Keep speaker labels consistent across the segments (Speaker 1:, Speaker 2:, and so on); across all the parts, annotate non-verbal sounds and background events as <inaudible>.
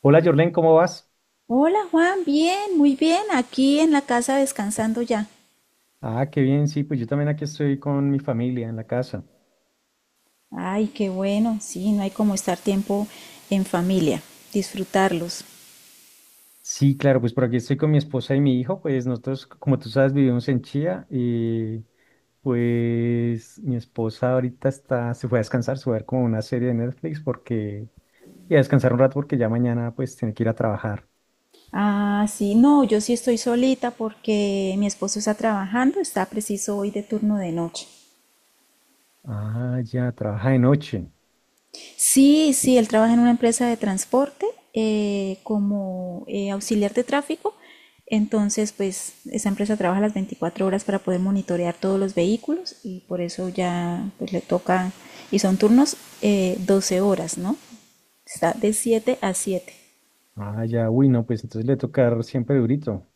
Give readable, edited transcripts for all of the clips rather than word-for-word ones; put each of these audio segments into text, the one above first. Speaker 1: Hola, Jorlen, ¿cómo vas?
Speaker 2: Hola, Juan, bien, muy bien, aquí en la casa descansando ya.
Speaker 1: Ah, qué bien, sí, pues yo también aquí estoy con mi familia en la casa.
Speaker 2: Ay, qué bueno, sí, no hay como estar tiempo en familia, disfrutarlos.
Speaker 1: Sí, claro, pues por aquí estoy con mi esposa y mi hijo, pues nosotros, como tú sabes, vivimos en Chía y pues mi esposa ahorita está, se fue a descansar, se fue a ver como una serie de Netflix porque, y a descansar un rato porque ya mañana pues tiene que ir a trabajar.
Speaker 2: Ah, sí, no, yo sí estoy solita porque mi esposo está trabajando, está preciso hoy de turno de noche.
Speaker 1: Ah, ya, trabaja de noche.
Speaker 2: Sí, sí, él trabaja en una empresa de transporte como auxiliar de tráfico. Entonces, pues esa empresa trabaja las 24 horas para poder monitorear todos los vehículos y por eso ya pues, le toca, y son turnos 12 horas, ¿no? Está de 7 a 7.
Speaker 1: Ah, ya, uy, no, pues entonces le toca siempre durito.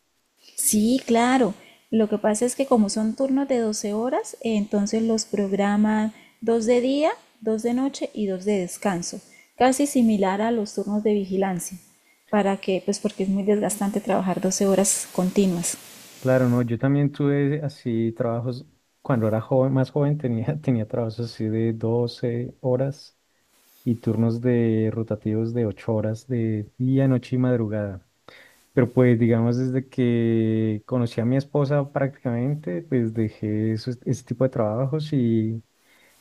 Speaker 2: Sí, claro. Lo que pasa es que como son turnos de 12 horas, entonces los programan dos de día, dos de noche y dos de descanso, casi similar a los turnos de vigilancia, para que, pues porque es muy desgastante trabajar 12 horas continuas.
Speaker 1: Claro, no, yo también tuve así trabajos, cuando era joven, más joven tenía, <laughs> tenía trabajos así de 12 horas y turnos de rotativos de 8 horas de día, noche y madrugada. Pero pues digamos desde que conocí a mi esposa prácticamente, pues dejé ese tipo de trabajos y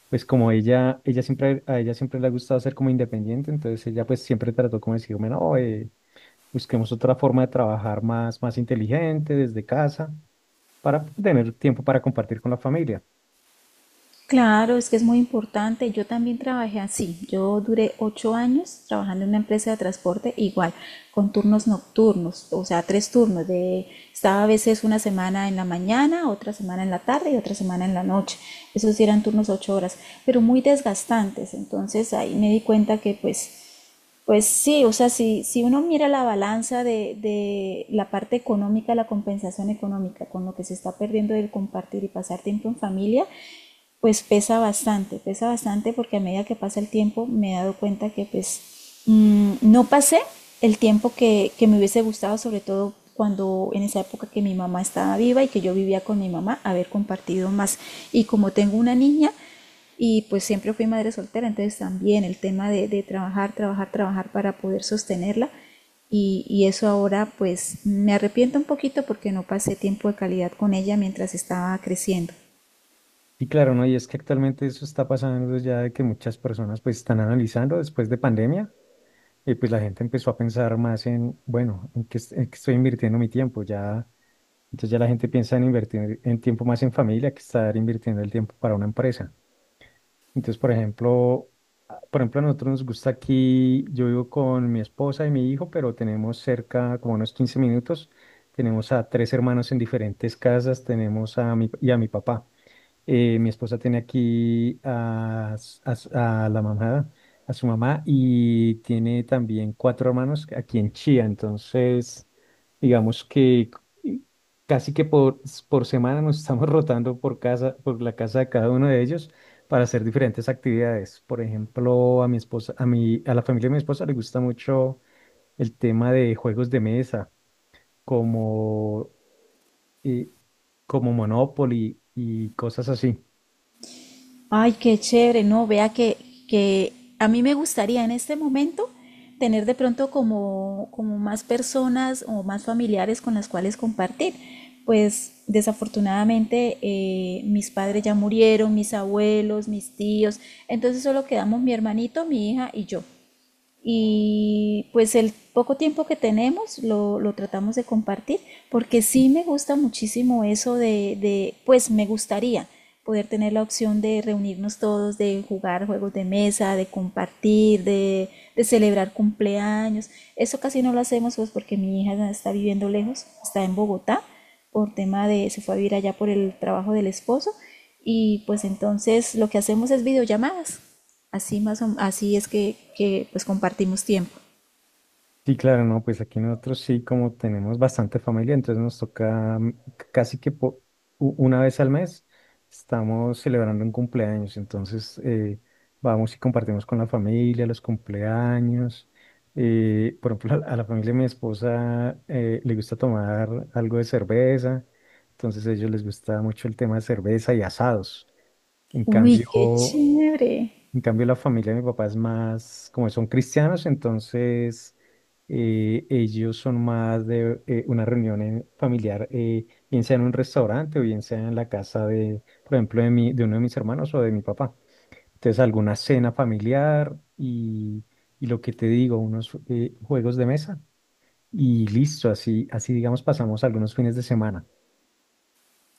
Speaker 1: pues como a ella siempre le ha gustado ser como independiente. Entonces ella pues siempre trató como de decirme, no, busquemos otra forma de trabajar más, más inteligente desde casa para tener tiempo para compartir con la familia.
Speaker 2: Claro, es que es muy importante. Yo también trabajé así. Yo duré 8 años trabajando en una empresa de transporte igual, con turnos nocturnos, o sea, tres turnos. Estaba a veces una semana en la mañana, otra semana en la tarde y otra semana en la noche. Esos sí eran turnos 8 horas, pero muy desgastantes. Entonces ahí me di cuenta que pues sí, o sea, si uno mira la balanza de la parte económica, la compensación económica, con lo que se está perdiendo del compartir y pasar tiempo en familia, pues pesa bastante porque a medida que pasa el tiempo me he dado cuenta que pues no pasé el tiempo que me hubiese gustado, sobre todo cuando en esa época que mi mamá estaba viva y que yo vivía con mi mamá, haber compartido más. Y como tengo una niña, y pues siempre fui madre soltera, entonces también el tema de trabajar, trabajar, trabajar para poder sostenerla eso ahora pues me arrepiento un poquito porque no pasé tiempo de calidad con ella mientras estaba creciendo.
Speaker 1: Y claro, ¿no? Y es que actualmente eso está pasando ya, de que muchas personas pues están analizando después de pandemia, y pues la gente empezó a pensar más en, bueno, ¿en qué, en qué estoy invirtiendo mi tiempo? Ya, entonces ya la gente piensa en invertir en tiempo más en familia que estar invirtiendo el tiempo para una empresa. Entonces, por ejemplo, a nosotros nos gusta aquí, yo vivo con mi esposa y mi hijo, pero tenemos cerca, como unos 15 minutos, tenemos a tres hermanos en diferentes casas, tenemos y a mi papá. Mi esposa tiene aquí a, s- a s- a la mamá, a su mamá, y tiene también cuatro hermanos aquí en Chía. Entonces, digamos que c- casi que por semana nos <laughs> estamos rotando por casa, por la casa de cada uno de ellos para hacer diferentes actividades. Por ejemplo, a la familia de mi esposa le gusta mucho el tema de juegos de mesa, como, eh, como Monopoly y cosas así.
Speaker 2: Ay, qué chévere, no, vea que a mí me gustaría en este momento tener de pronto como más personas o más familiares con las cuales compartir. Pues desafortunadamente mis padres ya murieron, mis abuelos, mis tíos, entonces solo quedamos mi hermanito, mi hija y yo y pues el poco tiempo que tenemos lo tratamos de compartir porque sí me gusta muchísimo eso pues me gustaría poder tener la opción de reunirnos todos, de jugar juegos de mesa, de compartir, de celebrar cumpleaños. Eso casi no lo hacemos pues porque mi hija está viviendo lejos, está en Bogotá se fue a vivir allá por el trabajo del esposo y pues entonces lo que hacemos es videollamadas. Así es que, pues compartimos tiempo.
Speaker 1: Sí, claro, no, pues aquí nosotros sí, como tenemos bastante familia, entonces nos toca, mm, c- casi que po- u- una vez al mes estamos celebrando un cumpleaños. Entonces vamos y compartimos con la familia los cumpleaños. Por ejemplo, <laughs> a la familia de mi esposa, le gusta tomar algo de cerveza, entonces a ellos les gusta mucho el tema de cerveza y asados. En
Speaker 2: Uy, qué
Speaker 1: cambio,
Speaker 2: chévere.
Speaker 1: en cambio, la familia de mi papá es más, como son cristianos, entonces ellos son más de, una reunión familiar, bien sea en un restaurante o bien sea en la casa de, por ejemplo, de uno de mis hermanos o de mi papá. Entonces, alguna cena familiar y lo que te digo, unos, juegos de mesa, y listo, así, así digamos pasamos algunos fines de semana.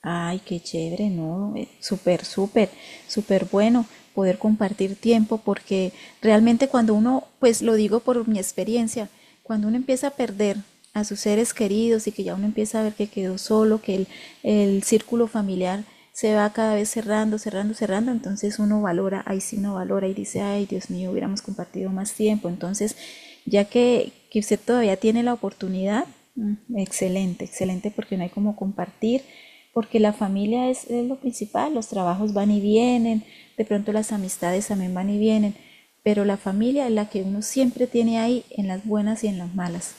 Speaker 2: Ay, qué chévere, ¿no? Súper, súper, súper bueno poder compartir tiempo porque realmente cuando uno, pues lo digo por mi experiencia, cuando uno empieza a perder a sus seres queridos y que ya uno empieza a ver que quedó solo, que el círculo familiar se va cada vez cerrando, cerrando, cerrando, entonces uno valora, ahí sí no valora y dice, ay, Dios mío, hubiéramos compartido más tiempo, entonces ya que usted todavía tiene la oportunidad, excelente, excelente porque no hay como compartir, porque la familia es lo principal, los trabajos van y vienen, de pronto las amistades también van y vienen, pero la familia es la que uno siempre tiene ahí en las buenas y en las malas.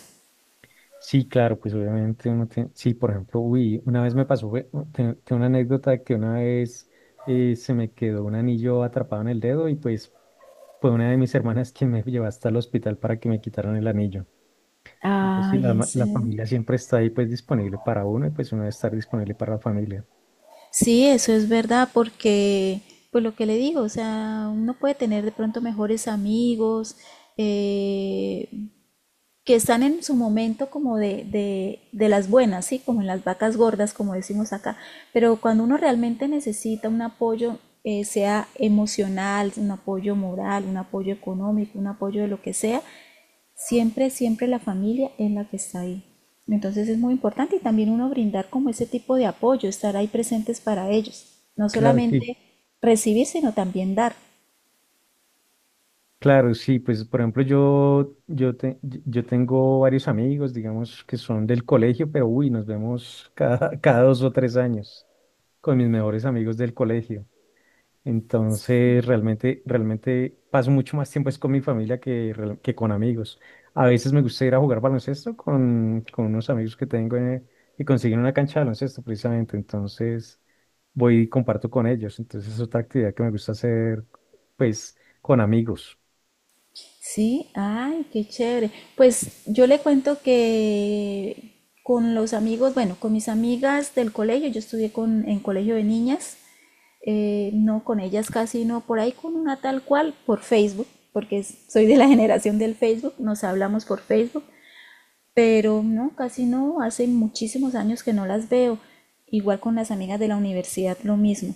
Speaker 1: Sí, claro, pues obviamente uno tiene, sí. Por ejemplo, uy, una vez me pasó, tengo una anécdota de que una vez, se me quedó un anillo atrapado en el dedo, y pues fue una de mis hermanas quien me llevó hasta el hospital para que me quitaran el anillo. Entonces, sí,
Speaker 2: Ay,
Speaker 1: la,
Speaker 2: ¿en
Speaker 1: la
Speaker 2: serio?
Speaker 1: familia siempre está ahí, pues disponible para uno, y pues uno debe estar disponible para la familia.
Speaker 2: Sí, eso es verdad, porque, pues lo que le digo, o sea, uno puede tener de pronto mejores amigos, eh, que están en su momento como de las buenas, ¿sí? Como en las vacas gordas, como decimos acá, pero cuando uno realmente necesita un apoyo, sea emocional, un apoyo moral, un apoyo económico, un apoyo de lo que sea, siempre, siempre la familia es la que está ahí. Entonces es muy importante y también uno brindar como ese tipo de apoyo, estar ahí presentes para ellos, no
Speaker 1: Claro, sí,
Speaker 2: solamente recibir, sino también dar.
Speaker 1: claro, sí, pues por ejemplo, yo tengo varios amigos, digamos, que son del colegio, pero uy, nos vemos cada, <laughs> cada 2 o 3 años. Con mis mejores amigos del colegio, entonces, realmente, realmente paso mucho más tiempo es con mi familia que, que con amigos. A veces me gusta ir a jugar baloncesto con unos amigos que tengo, y consiguen una cancha de baloncesto precisamente. Entonces, voy y comparto con ellos. Entonces, es otra actividad que me gusta hacer, pues, con amigos.
Speaker 2: Sí, ay, qué chévere. Pues yo le cuento que con los amigos, bueno, con mis amigas del colegio, yo estudié en colegio de niñas, no con ellas casi, no por ahí con una tal cual por Facebook, porque soy de la <laughs> generación del Facebook, nos hablamos por Facebook pero no, casi no, hace muchísimos años que no las veo. Igual con las amigas de la universidad, lo mismo.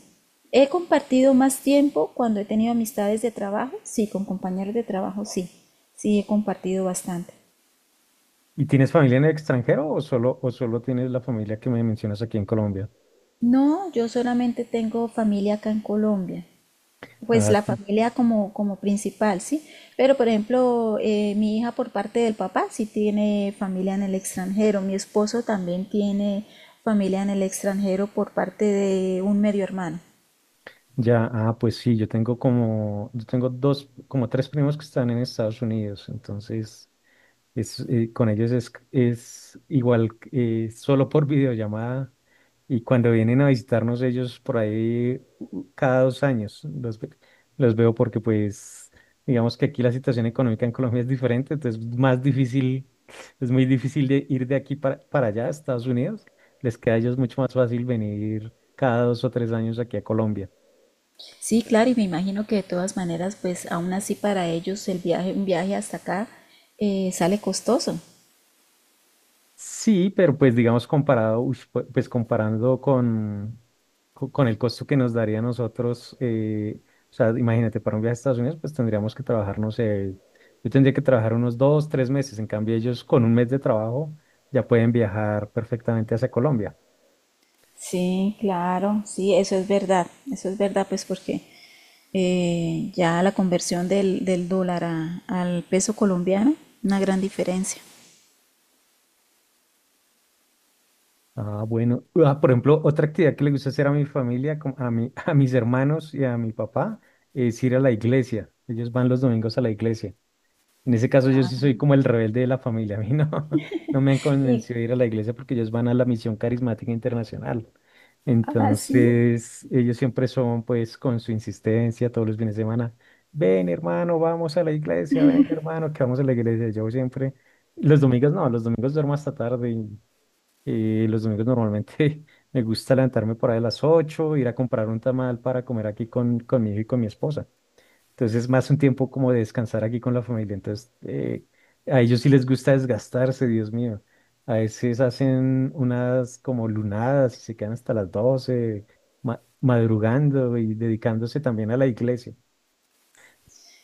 Speaker 2: He compartido más tiempo cuando he tenido amistades de trabajo, sí, con compañeros de trabajo, sí, sí he compartido bastante.
Speaker 1: ¿Y tienes familia en el extranjero, o solo tienes la familia que me mencionas aquí en Colombia?
Speaker 2: No, yo solamente tengo familia acá en Colombia. Pues
Speaker 1: Ah,
Speaker 2: la
Speaker 1: sí.
Speaker 2: familia como principal, ¿sí? Pero por ejemplo, mi hija por parte del papá sí tiene familia en el extranjero, mi esposo también tiene familia en el extranjero por parte de un medio hermano.
Speaker 1: Ya, ah, pues sí, yo tengo dos, como tres primos que están en Estados Unidos. Entonces es, con ellos es igual, solo por videollamada, y cuando vienen a visitarnos ellos por ahí, cada 2 años los veo, porque pues digamos que aquí la situación económica en Colombia es diferente, entonces más difícil. Es muy difícil de ir de aquí para allá a Estados Unidos. Les queda a ellos mucho más fácil venir cada 2 o 3 años aquí a Colombia.
Speaker 2: Sí, claro, y me imagino que de todas maneras, pues aún así para ellos el viaje, un viaje hasta acá sale costoso.
Speaker 1: Sí, pero pues digamos comparado, uy, pues comparando con el costo que nos daría a nosotros, o sea, imagínate, para un viaje a Estados Unidos, pues tendríamos que trabajar, no sé, yo tendría que trabajar unos 2, 3 meses, en cambio ellos con un mes de trabajo ya pueden viajar perfectamente hacia Colombia.
Speaker 2: Sí, claro, sí, eso es verdad, pues porque ya la conversión del dólar al peso colombiano, una gran diferencia.
Speaker 1: Ah, bueno. Ah, por ejemplo, otra actividad que le gusta hacer a mi familia, como a mi, <laughs> a mis hermanos y a mi papá, es ir a la iglesia. Ellos van los domingos a la iglesia. En ese caso, yo sí soy como el rebelde de la familia. <laughs> A mí no, <laughs> no me han
Speaker 2: Y,
Speaker 1: convencido de ir a la iglesia, porque ellos van a la Misión Carismática Internacional.
Speaker 2: ah, sí.
Speaker 1: Entonces, ellos siempre son, pues, con su insistencia todos los fines de semana, ven hermano, vamos a la iglesia, ven hermano, que vamos a la iglesia. Yo siempre, los domingos no, los domingos duermo hasta tarde. Los domingos normalmente <laughs> me gusta levantarme por ahí a las 8, ir a comprar un tamal para comer aquí con mi hijo y con mi esposa. Entonces es más un tiempo como de descansar aquí con la familia. Entonces, a ellos sí les gusta desgastarse, Dios mío. A veces hacen unas como lunadas y se quedan hasta las 12, madrugando y dedicándose también a la iglesia.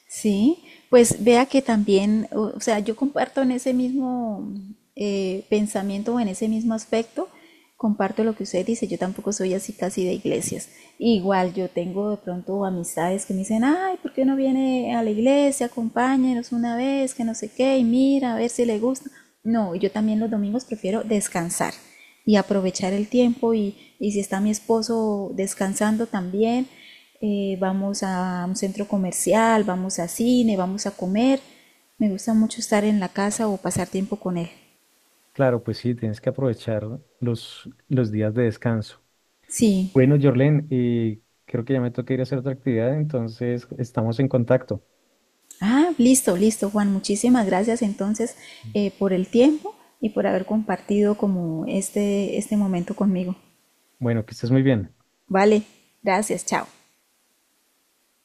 Speaker 2: Sí, pues vea que también, o sea, yo comparto en ese mismo pensamiento o en ese mismo aspecto, comparto lo que usted dice, yo tampoco soy así casi de iglesias. Igual yo tengo de pronto amistades que me dicen, ay, ¿por qué no viene a la iglesia? Acompáñenos una vez, que no sé qué, y mira, a ver si le gusta. No, yo también los domingos prefiero descansar y aprovechar el tiempo y si está mi esposo descansando también vamos a un centro comercial, vamos a cine, vamos a comer. Me gusta mucho estar en la casa o pasar tiempo con él.
Speaker 1: Claro, pues sí, tienes que aprovechar los días de descanso.
Speaker 2: Sí.
Speaker 1: Bueno, Jorlen, y creo que ya me toca ir a hacer otra actividad, entonces estamos en contacto.
Speaker 2: Ah, listo, listo, Juan. Muchísimas gracias entonces por el tiempo y por haber compartido como este momento conmigo.
Speaker 1: Bueno, que estés muy bien.
Speaker 2: Vale, gracias, chao.